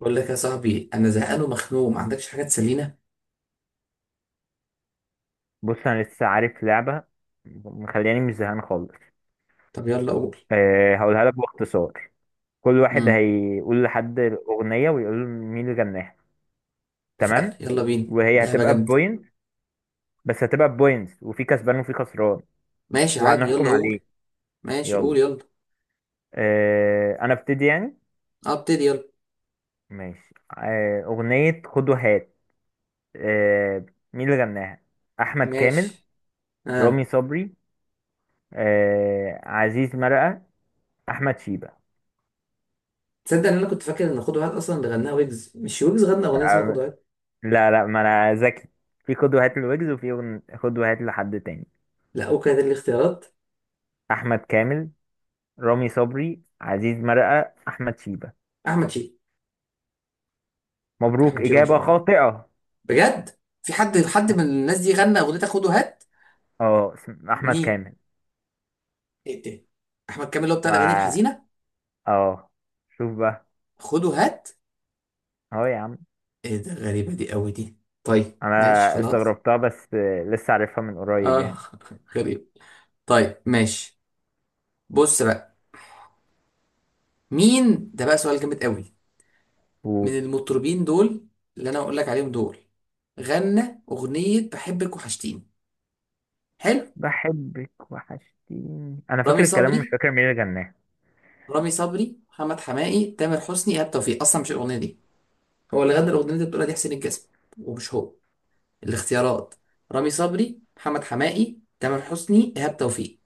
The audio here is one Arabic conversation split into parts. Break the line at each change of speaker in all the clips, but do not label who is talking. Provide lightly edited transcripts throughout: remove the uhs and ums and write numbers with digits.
بقول لك يا صاحبي، انا زهقان ومخنوق، ما عندكش حاجه تسلينا؟
بص، انا لسه عارف لعبه مخلياني مش زهقان خالص.
طب يلا قول.
أه، هقولها لك باختصار. كل واحد
امم
هيقول لحد اغنيه ويقول له مين اللي غناها.
اتفقنا،
تمام.
يلا بينا
وهي
لعبه
هتبقى
جامده.
بوينت، بس هتبقى بوينتس وفي كسبان وفي خسران.
ماشي عادي، يلا
وهنحكم عليه.
قول. ماشي، قول
يلا.
يلا.
أه، انا ابتدي يعني.
آه، ابتدي يلا.
ماشي. اغنيه خد وهات. أه مين اللي غناها؟ احمد كامل،
ماشي.
رامي
اه،
صبري، عزيز مرقه، احمد شيبه.
تصدق ان انا كنت فاكر ان خد واحد اصلا اللي غناها ويجز؟ مش ويجز غنى اغنيه اسمها خد واحد.
لا، لا، ما انا ذكي. في قدوة هاتل ويجز، وفي قدوة هاتل لحد تاني.
لا، اوكي، ده الاختيارات.
احمد كامل، رامي صبري، عزيز مرقة، احمد شيبة.
احمد شيبة.
مبروك،
احمد شيبة ان شاء
اجابة
الله.
خاطئة.
بجد في حد حد من الناس دي غنى اغنيه خد وهات؟
اه، احمد
مين؟
كامل.
ايه ده؟ احمد كامل اللي هو بتاع الاغاني
ما
الحزينه؟
اه شوف بقى.
خد وهات؟
اهو يا عم.
ايه ده، غريبه دي قوي دي. طيب ماشي
انا
خلاص.
استغربتها بس لسه عارفها من قريب
اه.
يعني.
غريب. طيب ماشي. بص بقى. مين ده بقى؟ سؤال جامد قوي.
قول.
من المطربين دول، اللي انا هقول لك عليهم دول، غنى اغنية بحبك وحشتيني. حلو.
بحبك وحشتيني، انا
رامي
فاكر
صبري.
الكلام مش فاكر مين اللي غناه.
رامي صبري، محمد حماقي، تامر حسني، ايهاب توفيق. اصلا مش الاغنية دي. هو اللي غنى الاغنية اللي بتقولها دي حسين الجسمي، ومش هو. الاختيارات: رامي صبري، محمد حماقي، تامر حسني، ايهاب توفيق.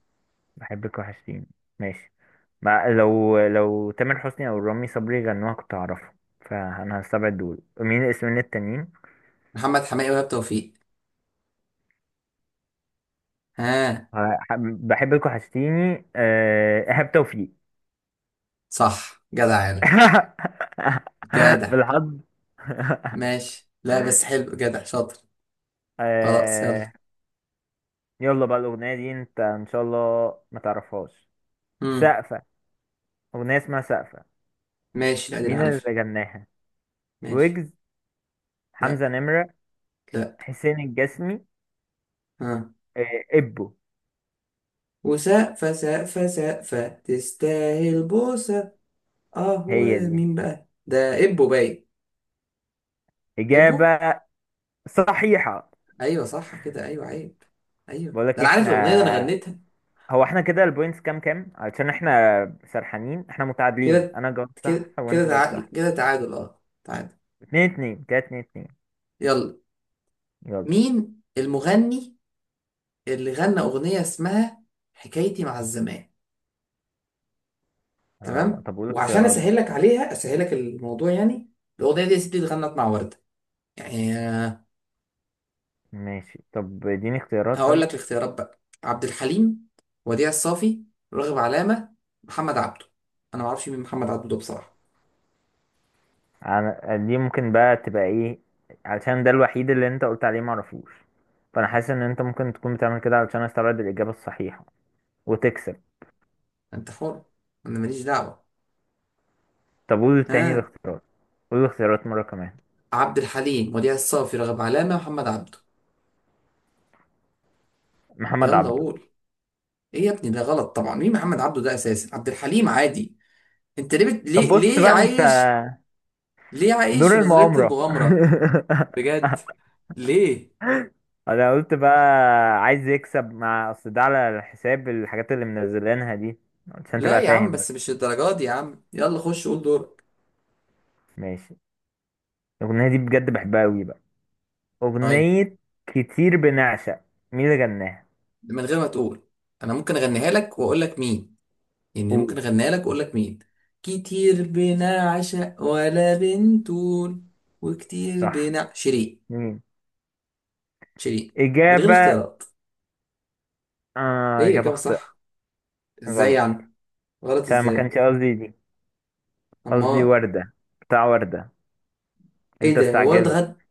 بحبك وحشتيني، ماشي. مع لو تامر حسني او رامي صبري غنوها كنت هعرفها. فانا هستبعد دول، مين الاسمين التانيين؟
محمد حماقي وايهاب توفيق. ها؟
بحبك وحشتيني ايهاب توفيق
صح، جدع يا عالم. جدع.
بالحظ.
ماشي. لا بس حلو، جدع، شاطر. خلاص يلا.
آه. يلا بقى، الاغنيه دي انت ان شاء الله ما تعرفهاش.
امم
سقفه، اغنيه اسمها سقفه.
ماشي. لا دي أنا
مين
عارفها.
اللي غناها؟
ماشي.
ويجز،
لا.
حمزه نمره،
لا.
حسين الجسمي،
ها؟
ابو.
وسقفة سقفة سقفة تستاهل بوسة. اه،
هي دي
ومين بقى ده؟ ابو باي. ابو.
اجابه صحيحه.
ايوه صح كده، ايوه عيب. ايوه
بقول
ده
لك
انا عارف
احنا،
الاغنيه، ده انا غنيتها.
هو احنا كده البوينتس كام كام، علشان احنا سرحانين، احنا متعادلين،
كده.
انا جاوبت صح
كده كده
وانت جاوبت صح.
تعادل، كده تعادل، اه تعادل.
اتنين اتنين كده، اتنين اتنين.
يلا.
يلا.
مين المغني اللي غنى اغنيه اسمها حكايتي مع الزمان؟
آه،
تمام،
طب قول
وعشان
اختيارات
اسهل
بقى.
لك عليها، اسهل لك الموضوع يعني. الاغنيه دي يا ستي اتغنت مع ورده يعني.
ماشي، طب اديني اختيارات
هقول لك
طيب.
الاختيارات بقى: عبد الحليم، وديع الصافي، راغب علامه، محمد عبده. انا ما اعرفش مين محمد عبده ده بصراحه.
انا دي ممكن بقى تبقى ايه، علشان ده الوحيد اللي انت قلت عليه معرفوش. فانا حاسس ان انت ممكن تكون بتعمل كده علشان استبعد الاجابة الصحيحة وتكسب.
انت حر، انا ماليش دعوه.
طب قول تاني
ها؟
الاختيارات. قول الاختيارات مرة كمان.
عبد الحليم، وديع الصافي، راغب علامه، محمد عبده.
محمد
يلا
عبده.
قول. ايه يا ابني، ده غلط طبعا. مين محمد عبده ده اساسا؟ عبد الحليم عادي. انت ليه بت...
طب
ليه
بص
ليه
بقى انت.
عايش؟ ليه عايش في
دور
نظريه
المؤامرة
المغامره؟ بجد، ليه؟
انا قلت بقى عايز يكسب مع اصل ده على حساب الحاجات اللي منزلينها دي، عشان
لا
تبقى
يا عم،
فاهم بس.
بس مش الدرجات دي يا عم، يلا خش قول دورك.
ماشي. الاغنيه دي بجد بحبها قوي بقى،
طيب.
اغنيه كتير بنعشق، مين اللي غناها؟
من غير ما تقول، انا ممكن اغنيها لك واقول لك مين. يعني
قول.
ممكن اغنيها لك واقول لك مين. كتير بنا عشق ولا بنتول، وكتير
صح،
بنا شيرين.
مين؟
شيرين. من غير
اجابه.
اختيارات.
آه،
ايه
اجابه
الاجابه
خاطئه.
صح. ازاي
غلط،
يعني؟ غلط
عشان ما
ازاي؟
كانش قصدي دي، قصدي
امال؟
ورده، بتاع ورده،
ايه
انت
ده، ورد
استعجلت.
غد؟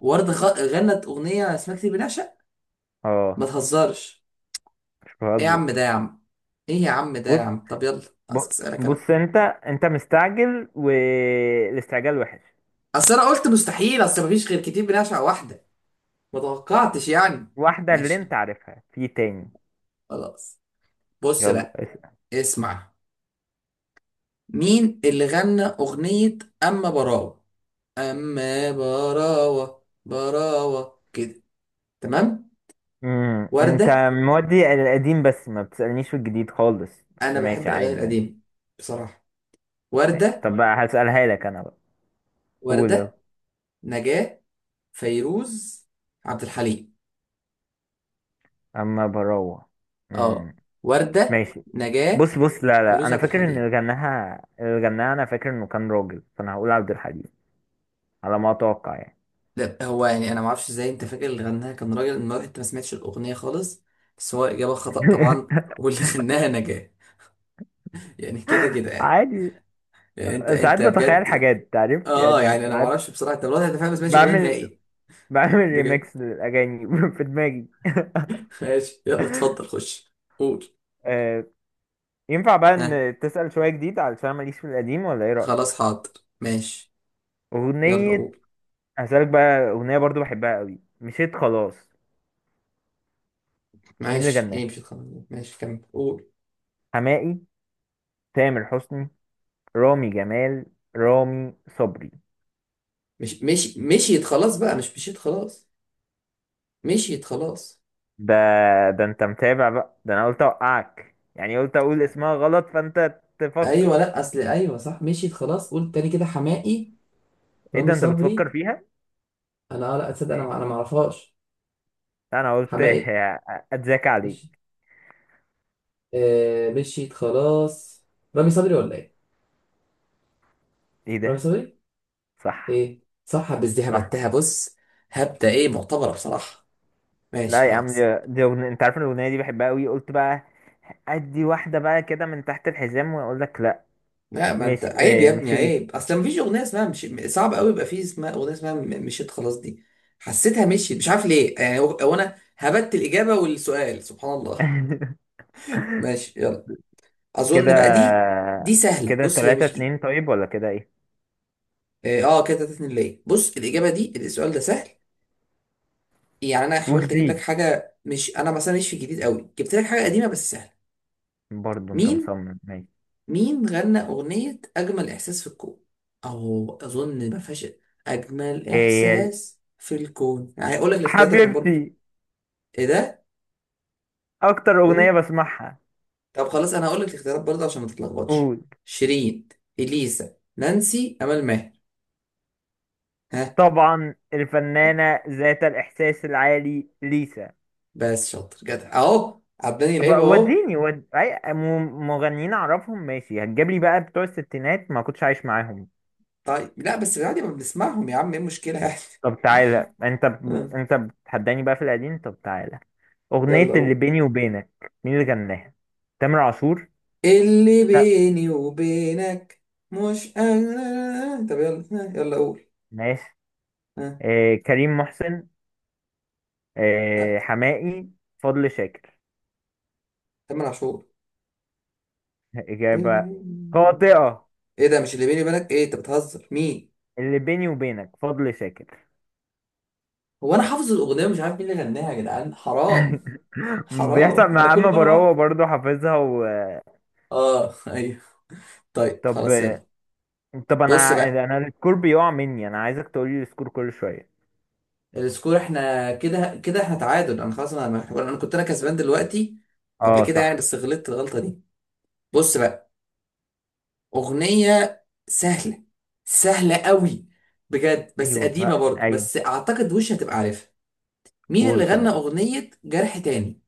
غنت اغنيه اسمها كتير بنعشق. ما
اه،
تهزرش.
مش
ايه يا
بهزر.
عم ده يا عم. ايه يا عم ده يا
بص،
عم، طب يلا.
بص.
اسالك انا.
بص، انت مستعجل والاستعجال وحش.
اصل انا قلت مستحيل، اصل مفيش غير كتير بنعشق واحده. ما توقعتش يعني.
واحدة اللي
ماشي
انت عارفها في تاني.
خلاص. بص
يلا،
بقى.
اسأل.
اسمع. مين اللي غنى اغنيه اما براوه؟ اما براوه، براوه كده. تمام. ورده.
انت مودي القديم، بس ما بتسألنيش في الجديد خالص، بس
انا بحب
ماشي
الاغاني
عادي يعني.
القديمه بصراحه.
ماشي،
ورده.
طب بقى هسألها لك انا بقى. قول يلا.
ورده، نجاه، فيروز، عبد الحليم.
اما بروح.
اه.
امم
ورده،
ماشي.
نجاه،
بص، بص، لا، لا،
فيروز،
انا
عبد
فاكر ان
الحليم.
اللي غناها انا فاكر انه كان راجل، فانا هقول عبد الحليم. على ما اتوقع يعني.
ده هو يعني. انا ما اعرفش ازاي انت فاكر اللي غناها كان راجل، المره انت ما سمعتش الاغنيه خالص، بس هو اجابه خطا طبعا. واللي غناها نجاه. يعني كده كده يعني.
عادي.
يعني انت
ساعات
انت
بتخيل
بجد؟
حاجات تعرف
اه
يعني،
يعني انا ما
ساعات.
اعرفش بصراحه انت الوضع. انت فعلا ما سمعتش اغنيه
بعمل
نهائي.
بعمل
بجد.
ريميكس للاغاني في دماغي.
ماشي يلا، اتفضل خش. قول.
آه، ينفع بقى
ها؟
ان تسأل شوية جديد، علشان ماليش في القديم، ولا ايه
خلاص،
رأيك؟
حاضر. ماشي. يلا
اغنية.
قول.
هسألك بقى اغنية برضو بحبها قوي، مشيت خلاص، مين اللي
ماشي، ايه
غناها؟
مشيت خلاص. ماشي كمل قول.
حماقي، تامر حسني، رامي جمال، رامي صبري.
مش مشيت خلاص بقى. مش مشيت خلاص. مشيت خلاص.
ده، ده انت متابع بقى، ده انا قلت اوقعك يعني، قلت اقول اسمها غلط فانت تفكر.
ايوه لا، اصل ايوه صح مشيت خلاص. قول تاني كده. حماقي؟
ايه
رامي
ده، انت بتفكر
صبري؟
فيها؟
انا اه، لا اتصدق،
ماشي،
انا ما اعرفهاش.
انا قلت
حماقي؟
اتذاكى
مش.
عليك.
آه، مشيت خلاص. رامي صبري ولا ايه؟
ايه
رامي
ده؟
صبري.
صح،
ايه صح. بس دي
صح.
هبتها، بص. هبدة، ايه معتبرة بصراحة. ماشي
لا يا عم،
خلاص.
دي أغنية أنت عارف إن الأغنية دي بحبها أوي قلت بقى. ادي واحده بقى كده من تحت الحزام واقول لك لا.
لا ما انت
مش
عيب يا
إيه،
ابني،
مش ايه؟
عيب اصلا. مفيش اغنية اسمها مش صعب قوي يبقى في اسمها اغنية اسمها مشيت خلاص دي. حسيتها مشيت، مش عارف ليه يعني. هو انا هبت الإجابة والسؤال، سبحان الله. ماشي يلا.
كده،
اظن بقى دي، دي سهلة.
كده
بص، هي
تلاتة
مش.
اتنين، طيب ولا كده ايه؟
اه آه، كده تلاتة اتنين. ليه؟ بص الاجابه دي، السؤال ده سهل يعني. انا حاولت اجيب لك
وجديد
حاجه مش انا مثلا مش في الجديد قوي، جبت لك حاجه قديمه بس سهله.
برضو، انت
مين؟
مصمم، ماشي.
مين غنى اغنيه اجمل احساس في الكون؟ اهو اظن ما فيهاش. اجمل
هي
احساس في الكون، يعني هقول لك الاختيارات عشان برضو.
حبيبتي،
ايه ده؟
اكتر اغنية
قول.
بسمعها.
طب خلاص، انا هقول لك الاختيارات برضو عشان ما تتلخبطش.
قول.
شيرين، اليسا، نانسي، امل ماهر. ها؟
طبعا، الفنانة ذات الاحساس العالي، ليسا.
بس شاطر جدع اهو، عداني
بقى
لعيبه اهو.
وديني أي مغنيين اعرفهم، ماشي هتجيب لي بقى بتوع الستينات ما كنتش عايش معاهم.
طيب لا، بس عادي ما بنسمعهم يا عم، ايه المشكلة يعني؟
طب تعالى،
ها،
انت بتحداني بقى في القديم، طب تعالى. أغنية
يلا
اللي
هو.
بيني وبينك مين اللي غناها؟ تامر عاشور؟
اللي
لا.
بيني وبينك. مش انا. طب يلا، ها، يلا قول.
ماشي.
ها؟
آه، كريم محسن.
لا.
آه، حماقي. فضل شاكر.
تامر عاشور.
إجابة
اللي-
خاطئة.
ايه ده، مش اللي بيني وبينك؟ ايه انت بتهزر مين؟
اللي بيني وبينك فضل شاكر
هو انا حافظ الاغنيه ومش عارف مين اللي غناها يا جدعان، حرام.
بيحصل
حرام. انا
مع
كل
أما
مره
براوة
بقى.
برضه، حافظها
اه ايوه. طيب
طب،
خلاص يلا.
طب،
بص
أنا
بقى،
أنا السكور بيقع مني، أنا عايزك تقولي السكور كل شوية.
السكور احنا كده كده احنا تعادل. انا خلاص، انا كنت انا كسبان دلوقتي قبل
اه،
كده يعني،
صح.
بس غلطت الغلطه دي. بص بقى، اغنيه سهله. سهله قوي بجد، بس
أيوه
قديمه
بقى،
برضه،
أيوه.
بس اعتقد وش هتبقى عارفها. مين
قول،
اللي غنى
طيب.
اغنيه جرح تاني؟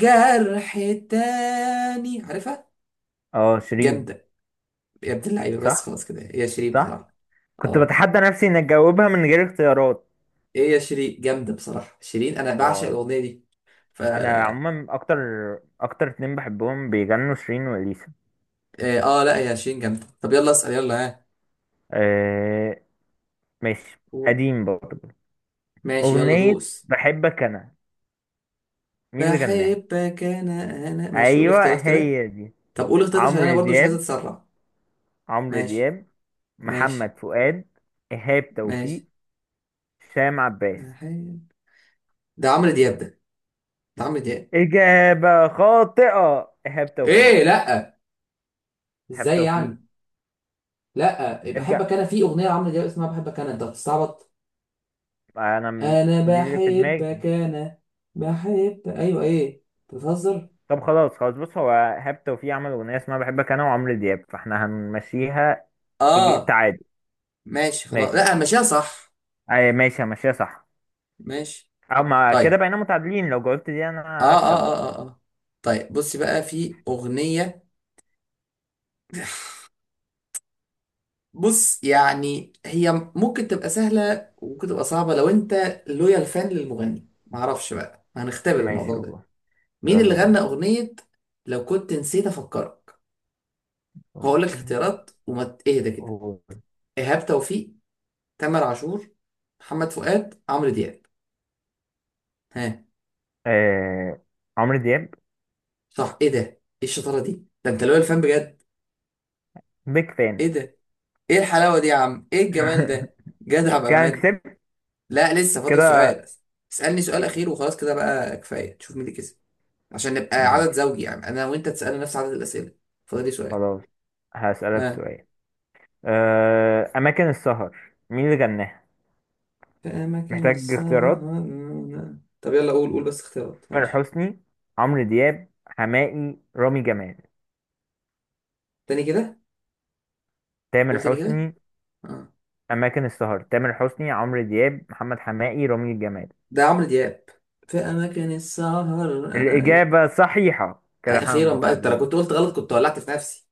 جرح تاني، عارفها.
اه، شيرين.
جامده. يا ابن اللعيبه. بس
صح،
خلاص كده، هي شيرين
صح.
بصراحه.
كنت
اه.
بتحدى نفسي إن أجاوبها من غير اختيارات.
ايه يا شيرين، جامده بصراحه شيرين. انا بعشق
اه،
الاغنيه دي.
انا
فا.
عموما اكتر اتنين بحبهم بيغنوا، شيرين واليسا.
اه آه، لا يا شيرين جامده. طب يلا اسال، يلا ها.
أه، ماشي.
قول.
قديم برضه.
ماشي، يلا
اغنية
دوس.
بحبك انا، مين اللي غناها؟
بحبك انا. انا ماشي، قول
ايوه،
الاختيارات كده.
هي دي.
طب قول اختيارات عشان انا
عمرو
برضو مش عايز
دياب
اتسرع.
عمرو
ماشي.
دياب
ماشي.
محمد فؤاد. ايهاب توفيق.
ماشي.
هشام عباس.
حي- ده عمرو دياب ده. ده عمرو دياب.
اجابة خاطئة، ايهاب توفيق.
ايه لا.
ايهاب
ازاي
توفيق.
يعني؟ لا
نرجع،
بحبك انا، في اغنيه لعمرو دياب اسمها بحبك انا. انت بتستعبط.
انا
انا
دي اللي في دماغي.
بحبك انا. بحب، ايوه ايه؟ أنت بتهزر.
طب، خلاص، خلاص، بص، هو ايهاب توفيق عمل اغنية اسمها بحبك انا وعمرو دياب، فاحنا هنمشيها.
اه.
تعادل.
ماشي خلاص،
ماشي.
لا ماشيها صح.
أي، ماشي، ماشي، صح.
ماشي.
أو ما كده
طيب.
بقينا متعادلين، لو جاوبت دي
اه
أنا أكسب
اه
بقى.
اه اه, آه. طيب بصي بقى، في أغنية. بص يعني هي ممكن تبقى سهلة وممكن تبقى صعبة لو انت لويال فان للمغني، معرفش بقى، هنختبر
ماشي،
الموضوع ده.
قول.
مين
يلا
اللي غنى
بينا.
أغنية لو كنت نسيت أفكرك؟
لو
هقول لك
كنت،
اختيارات، وما اهدى كده.
قول.
إيهاب توفيق، تامر عاشور، محمد فؤاد، عمرو دياب. ها؟
آه... عمرو دياب.
صح. ايه ده، ايه الشطارة دي، ده انت لويال فان بجد.
بيك فان
ايه ده، ايه الحلاوة دي يا عم، ايه الجمال ده. جدع
كان
بأمان.
كسبت
لا لسه فاضل
كده.
سؤال. اسألني سؤال أخير وخلاص، كده بقى كفاية، تشوف مين اللي كسب. عشان نبقى عدد
ماشي،
زوجي يعني، انا وانت تسألنا نفس عدد الأسئلة. فاضلي سؤال.
خلاص. هسألك
ها؟
سؤال. أماكن السهر، مين اللي غناها؟
في اماكن
محتاج اختيارات.
السهرة. طب يلا قول، قول بس اختيارات
تامر
ماشي.
حسني، عمرو دياب، حماقي، رامي جمال.
تاني كده.
تامر
قول تاني كده.
حسني.
اه.
أماكن السهر، تامر حسني، عمرو دياب، محمد حماقي، رامي جمال.
ده عمرو دياب. في اماكن السهر، انا ايوه.
الإجابة صحيحة،
آه،
كده احنا
اخيرا بقى. انت لو كنت
متعادلين.
قلت غلط كنت ولعت في نفسي.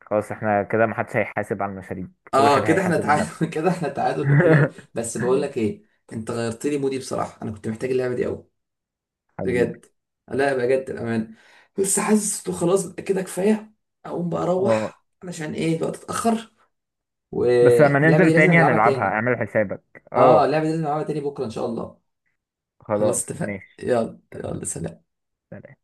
خلاص، احنا كده محدش هيحاسب على المشاريب، كل
اه،
واحد
كده احنا
هيحاسب لنفسه.
تعادل. كده احنا تعادل، وحلو قوي. بس بقول لك ايه، انت غيرت لي مودي بصراحة. انا كنت محتاج اللعبة دي قوي.
حبيبي.
بجد. لا بجد الأمان. بس حاسس إنه خلاص بقى، كده كفاية. أقوم بقى
اه،
أروح، علشان إيه، الوقت اتأخر.
بس لما
وإحنا اللعبة
ننزل
دي لازم
تاني
نلعبها
هنلعبها،
تاني.
اعمل حسابك.
آه،
اه،
اللعبة دي لازم نلعبها تاني بكرة إن شاء الله. خلاص
خلاص،
اتفقنا،
ماشي.
يلا
اتفقنا،
يلا، سلام.
سلام.